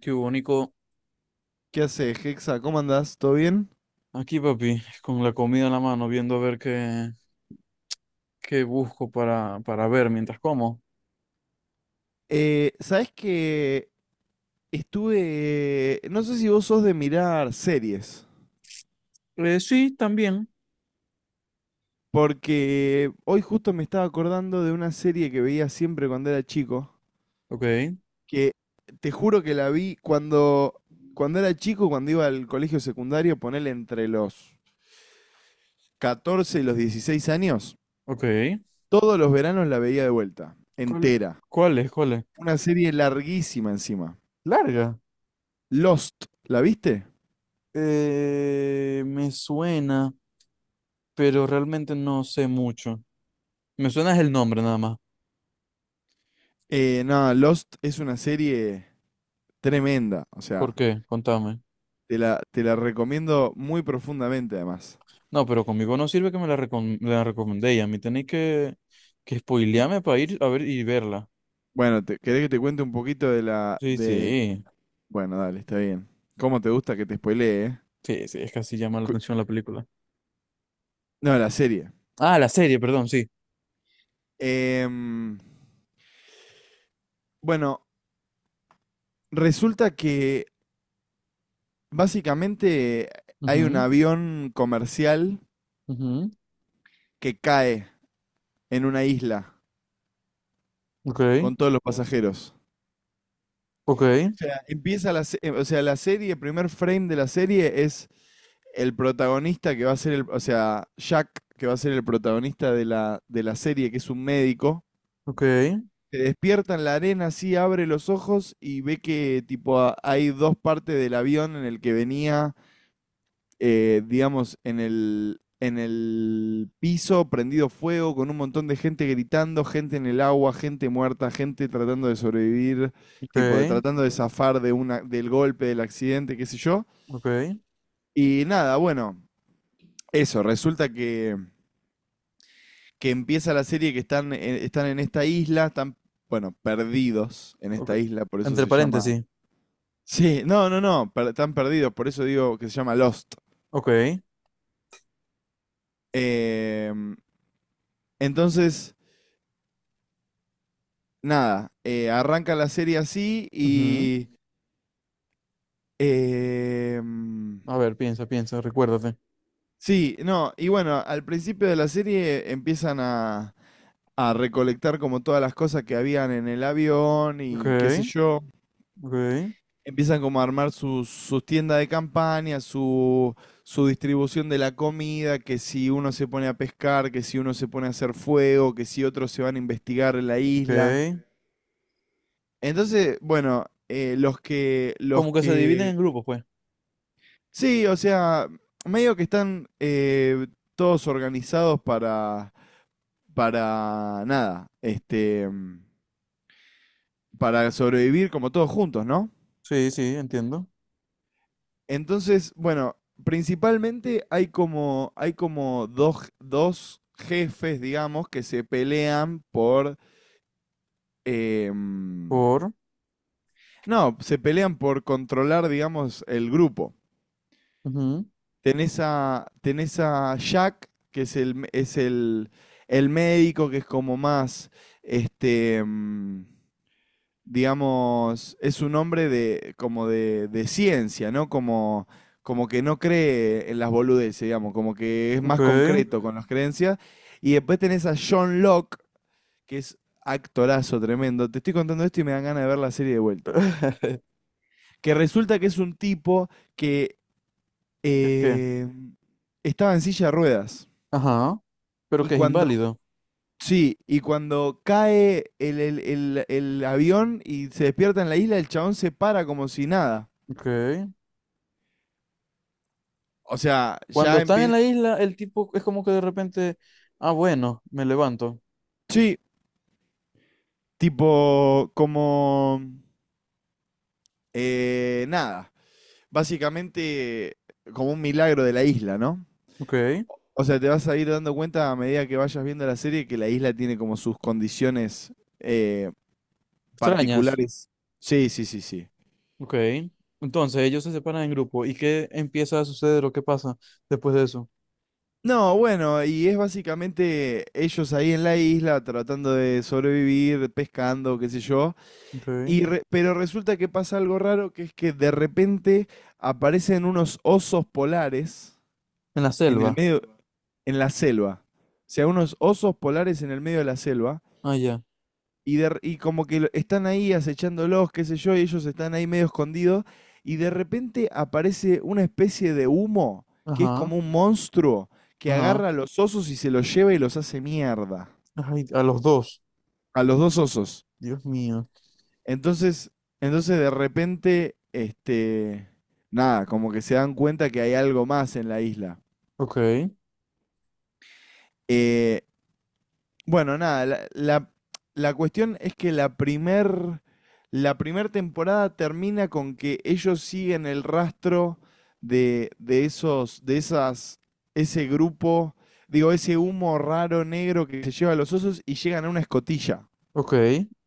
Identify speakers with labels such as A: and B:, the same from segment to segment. A: Qué único.
B: ¿Qué haces, Hexa? ¿Cómo andás? ¿Todo bien?
A: Aquí, papi, con la comida en la mano, viendo a ver qué busco para ver mientras como.
B: ¿Sabés que estuve... No sé si vos sos de mirar series,
A: Sí, también.
B: porque hoy justo me estaba acordando de una serie que veía siempre cuando era chico,
A: Ok,
B: que te juro que la vi cuando era chico, cuando iba al colegio secundario, ponele entre los 14 y los 16 años,
A: ok.
B: todos los veranos la veía de vuelta,
A: ¿Cuál,
B: entera.
A: cuál es? ¿Cuál es?
B: Una serie larguísima encima.
A: Larga.
B: Lost, ¿la viste?
A: Me suena, pero realmente no sé mucho. Me suena es el nombre nada más.
B: No, Lost es una serie tremenda, o
A: ¿Por
B: sea,
A: qué? Contame.
B: te la recomiendo muy profundamente además.
A: No, pero conmigo no sirve que me la, la recomendé y a mí tenéis que spoilearme para ir a ver y verla.
B: Bueno, te, ¿querés que te cuente un poquito de la...
A: Sí,
B: de...
A: sí.
B: Bueno, dale, está bien. ¿Cómo te gusta que te spoilee, eh?
A: Sí, sí, es que así llama la
B: Cu-
A: atención la película.
B: No, la serie.
A: Ah, la serie, perdón, sí.
B: Em, bueno, resulta que básicamente hay un avión comercial
A: Ujú, ujú.
B: que cae en una isla
A: Ok,
B: con todos los pasajeros.
A: ok,
B: Sea, o sea, la serie, el primer frame de la serie es el protagonista que va a ser el, o sea, Jack, que va a ser el protagonista de de la serie, que es un médico,
A: ok,
B: se despierta en la arena, así abre los ojos y ve que tipo a- hay dos partes del avión en el que venía digamos, en en el piso, prendido fuego, con un montón de gente gritando, gente en el agua, gente muerta, gente tratando de sobrevivir, tipo, de
A: ok,
B: tratando de zafar de una, del golpe, del accidente, qué sé yo.
A: ok,
B: Y nada, bueno, eso, resulta que empieza la serie que están, están en esta isla, están, bueno, perdidos en
A: ok.
B: esta isla, por eso
A: Entre
B: se llama...
A: paréntesis.
B: Sí, no, no, no, per- están perdidos, por eso digo que se llama Lost.
A: Ok.
B: Em, entonces... nada, arranca la serie así
A: Ujú.
B: y... eh, mm,
A: A ver, piensa, piensa, recuérdate.
B: sí, no, y bueno, al principio de la serie empiezan a recolectar como todas las cosas que habían en el avión
A: Ok,
B: y qué sé yo.
A: ok,
B: Empiezan como a armar sus tiendas de campaña, su distribución de la comida, que si uno se pone a pescar, que si uno se pone a hacer fuego, que si otros se van a investigar en la isla.
A: ok.
B: Entonces, bueno, los
A: Como que se dividen
B: que
A: en grupos, pues.
B: sí, o sea, medio que están todos organizados para nada, este, para sobrevivir como todos juntos, ¿no?
A: Sí, sí, entiendo.
B: Entonces, bueno, principalmente hay como dos jefes, digamos, que se pelean eh, mm,
A: Por.
B: no, se pelean por controlar, digamos, el grupo.
A: Ujú.
B: Tenés a Jack, que es el médico, que es como más, este, digamos, es un hombre de, como de ciencia, ¿no? Como, como que no cree en las boludeces, digamos, como que es
A: Ok.
B: más concreto con las creencias. Y después tenés a John Locke, que es actorazo tremendo. Te estoy contando esto y me dan ganas de ver la serie de vuelta. Que resulta que es un tipo que
A: Es que.
B: eh, estaba en silla de ruedas.
A: Ajá. Pero
B: Y
A: que es
B: cuando,
A: inválido.
B: sí, y cuando cae el avión y se despierta en la isla, el chabón se para como si nada.
A: Ok.
B: O sea,
A: Cuando
B: ya
A: están en
B: empieza...
A: la isla, el tipo es como que de repente. Ah, bueno, me levanto.
B: Sí, tipo como... nada. Básicamente como un milagro de la isla, ¿no?
A: Ok.
B: O sea, te vas a ir dando cuenta a medida que vayas viendo la serie que la isla tiene como sus condiciones eh,
A: Extrañas.
B: particulares. Sí, sí, sí, sí.
A: Ok. Entonces ellos se separan en grupo. ¿Y qué empieza a suceder o qué pasa después de eso?
B: No, bueno, y es básicamente ellos ahí en la isla tratando de sobrevivir, pescando, qué sé yo.
A: Ok. En
B: Y re- pero resulta que pasa algo raro, que es que de repente aparecen unos osos polares
A: la
B: en el
A: selva.
B: medio, en la selva. O sea, unos osos polares en el medio de la selva
A: Ah, ya.
B: y, de- y como que están ahí acechándolos, qué sé yo, y ellos están ahí medio escondidos, y de repente aparece una especie de humo, que es
A: Ajá.
B: como un monstruo, que
A: Ajá.
B: agarra a los osos y se los lleva y los hace mierda.
A: Ay, a los dos.
B: A los dos osos.
A: Dios mío.
B: Entonces, entonces de repente, este, nada, como que se dan cuenta que hay algo más en la isla.
A: Ok.
B: Eh, Bueno, nada, la cuestión es que la primer temporada termina con que ellos siguen el rastro de esos, de esas, ese grupo, digo, ese humo raro negro que se lleva a los osos y llegan a una escotilla.
A: Ok.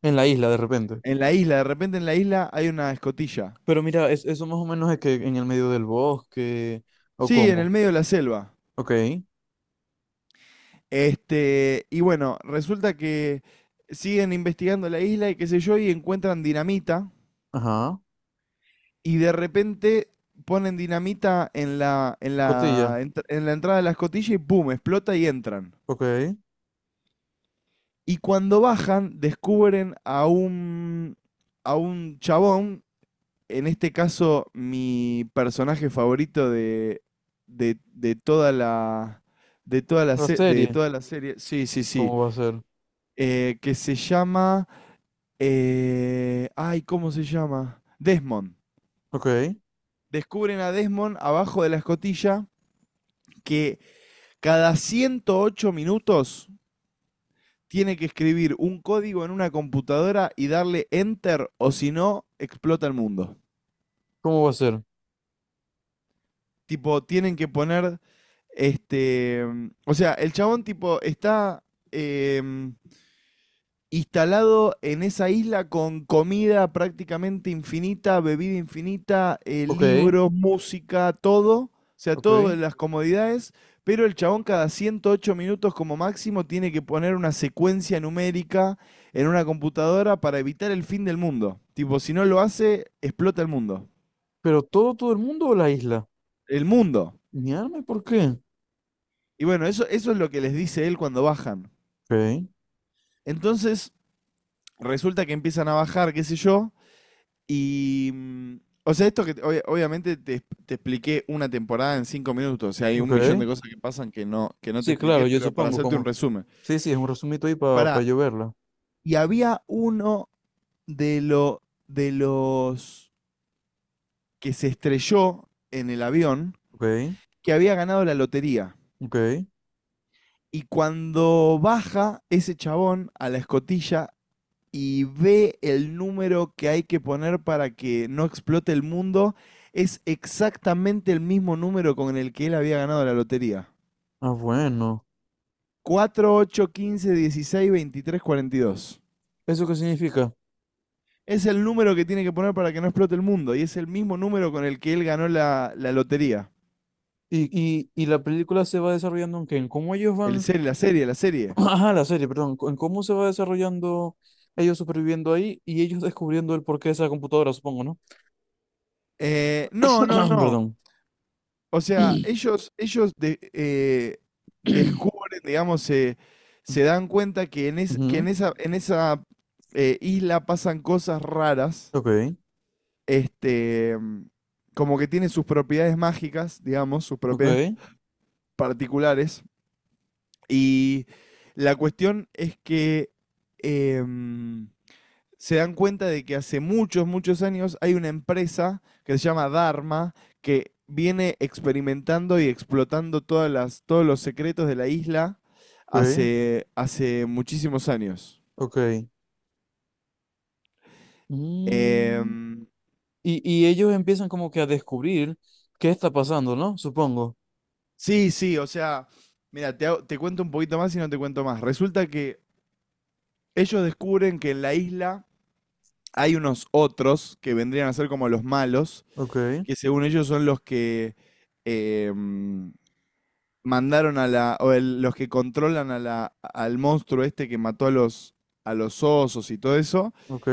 A: En la isla de repente.
B: En la isla, de repente en la isla hay una escotilla.
A: Pero mira, es, eso más o menos es que en el medio del bosque. ¿O
B: Sí, en el
A: cómo?
B: medio de la selva.
A: Ok.
B: Este, y bueno, resulta que siguen investigando la isla y qué sé yo, y encuentran dinamita
A: Ajá.
B: y de repente ponen dinamita en
A: Escotilla.
B: en la entrada de la escotilla y ¡pum! Explota y entran.
A: Ok.
B: Y cuando bajan, descubren a a un chabón, en este caso mi personaje favorito de toda la... De toda, la
A: La
B: se- de
A: serie.
B: toda la serie, sí, sí, sí,
A: ¿Cómo va a ser?
B: eh, que se llama, ay, ¿cómo se llama? Desmond.
A: Ok.
B: Descubren a Desmond abajo de la escotilla que cada 108 minutos tiene que escribir un código en una computadora y darle enter o si no, explota el mundo.
A: ¿Cómo va a ser?
B: Tipo, tienen que poner, este, o sea, el chabón tipo está em, instalado en esa isla con comida prácticamente infinita, bebida infinita,
A: Ok.
B: libros, música, todo, o sea,
A: Ok.
B: todas las comodidades, pero el chabón cada 108 minutos como máximo tiene que poner una secuencia numérica en una computadora para evitar el fin del mundo. Tipo, si no lo hace, explota el mundo.
A: ¿Pero todo el mundo o la isla?
B: El mundo.
A: Mi alma, ¿y por qué?
B: Y bueno, eso es lo que les dice él cuando bajan.
A: Ok.
B: Entonces, resulta que empiezan a bajar, qué sé yo, Y, mm, o sea, esto que te- obvia- obviamente te expliqué una temporada en cinco minutos, o sea, hay
A: Ok.
B: un millón de cosas que pasan que no te
A: Sí,
B: expliqué,
A: claro, yo
B: pero para
A: supongo
B: hacerte un
A: como...
B: resumen.
A: Sí, sí, es un resumito ahí para
B: Para,
A: yo verla.
B: y había uno de los que se estrelló en el avión
A: Ok,
B: que había ganado la lotería.
A: ok.
B: Y cuando baja ese chabón a la escotilla, y ve el número que hay que poner para que no explote el mundo, es exactamente el mismo número con el que él había ganado la lotería.
A: Ah, bueno.
B: 4 8 15 16 23 42.
A: ¿Eso qué significa?
B: Es el número que tiene que poner para que no explote el mundo y es el mismo número con el que él ganó la lotería.
A: Y, y la película se va desarrollando en qué, en cómo ellos
B: El
A: van...
B: serie, la serie, la serie.
A: Ajá, la serie, perdón. En cómo se va desarrollando ellos superviviendo ahí y ellos descubriendo el porqué de esa computadora, supongo, ¿no?
B: No, no, no.
A: Perdón.
B: O sea, descubren, digamos, se dan cuenta que en, es- que
A: Ujú.
B: en esa isla pasan cosas raras,
A: Ok,
B: este, como que tiene sus propiedades mágicas, digamos, sus propiedades
A: ok,
B: particulares. Y la cuestión es que em, se dan cuenta de que hace muchos, muchos años hay una empresa que se llama Dharma, que viene experimentando y explotando todas todos los secretos de la isla
A: ok,
B: hace muchísimos años.
A: ok. Mm.
B: Em,
A: Y ellos empiezan como que a descubrir qué está pasando, ¿no? Supongo.
B: sí, sí, o sea, mira, te cuento un poquito más y no te cuento más. Resulta que ellos descubren que en la isla hay unos otros que vendrían a ser como los malos,
A: Ok.
B: que según ellos son los que em, mandaron a los que controlan a la, al monstruo este que mató a los osos y todo eso.
A: Ok.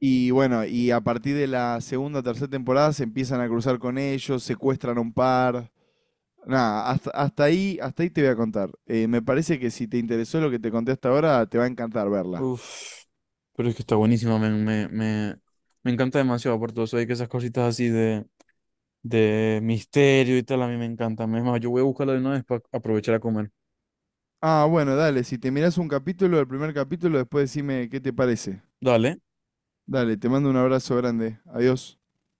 B: Y bueno, y a partir de la segunda o tercera temporada se empiezan a cruzar con ellos, secuestran a un par. Nada, hasta ahí te voy a contar. Me parece que si te interesó lo que te conté hasta ahora, te va a encantar verla.
A: Uf. Pero es que está buenísima, me encanta demasiado. Por aparte, vos hay que esas cositas así de misterio y tal, a mí me encantan. Es más, yo voy a buscarla de una vez para aprovechar a comer.
B: Ah, bueno, dale, si te mirás un capítulo, el primer capítulo, después decime qué te parece.
A: Dale.
B: Dale, te mando un abrazo grande. Adiós.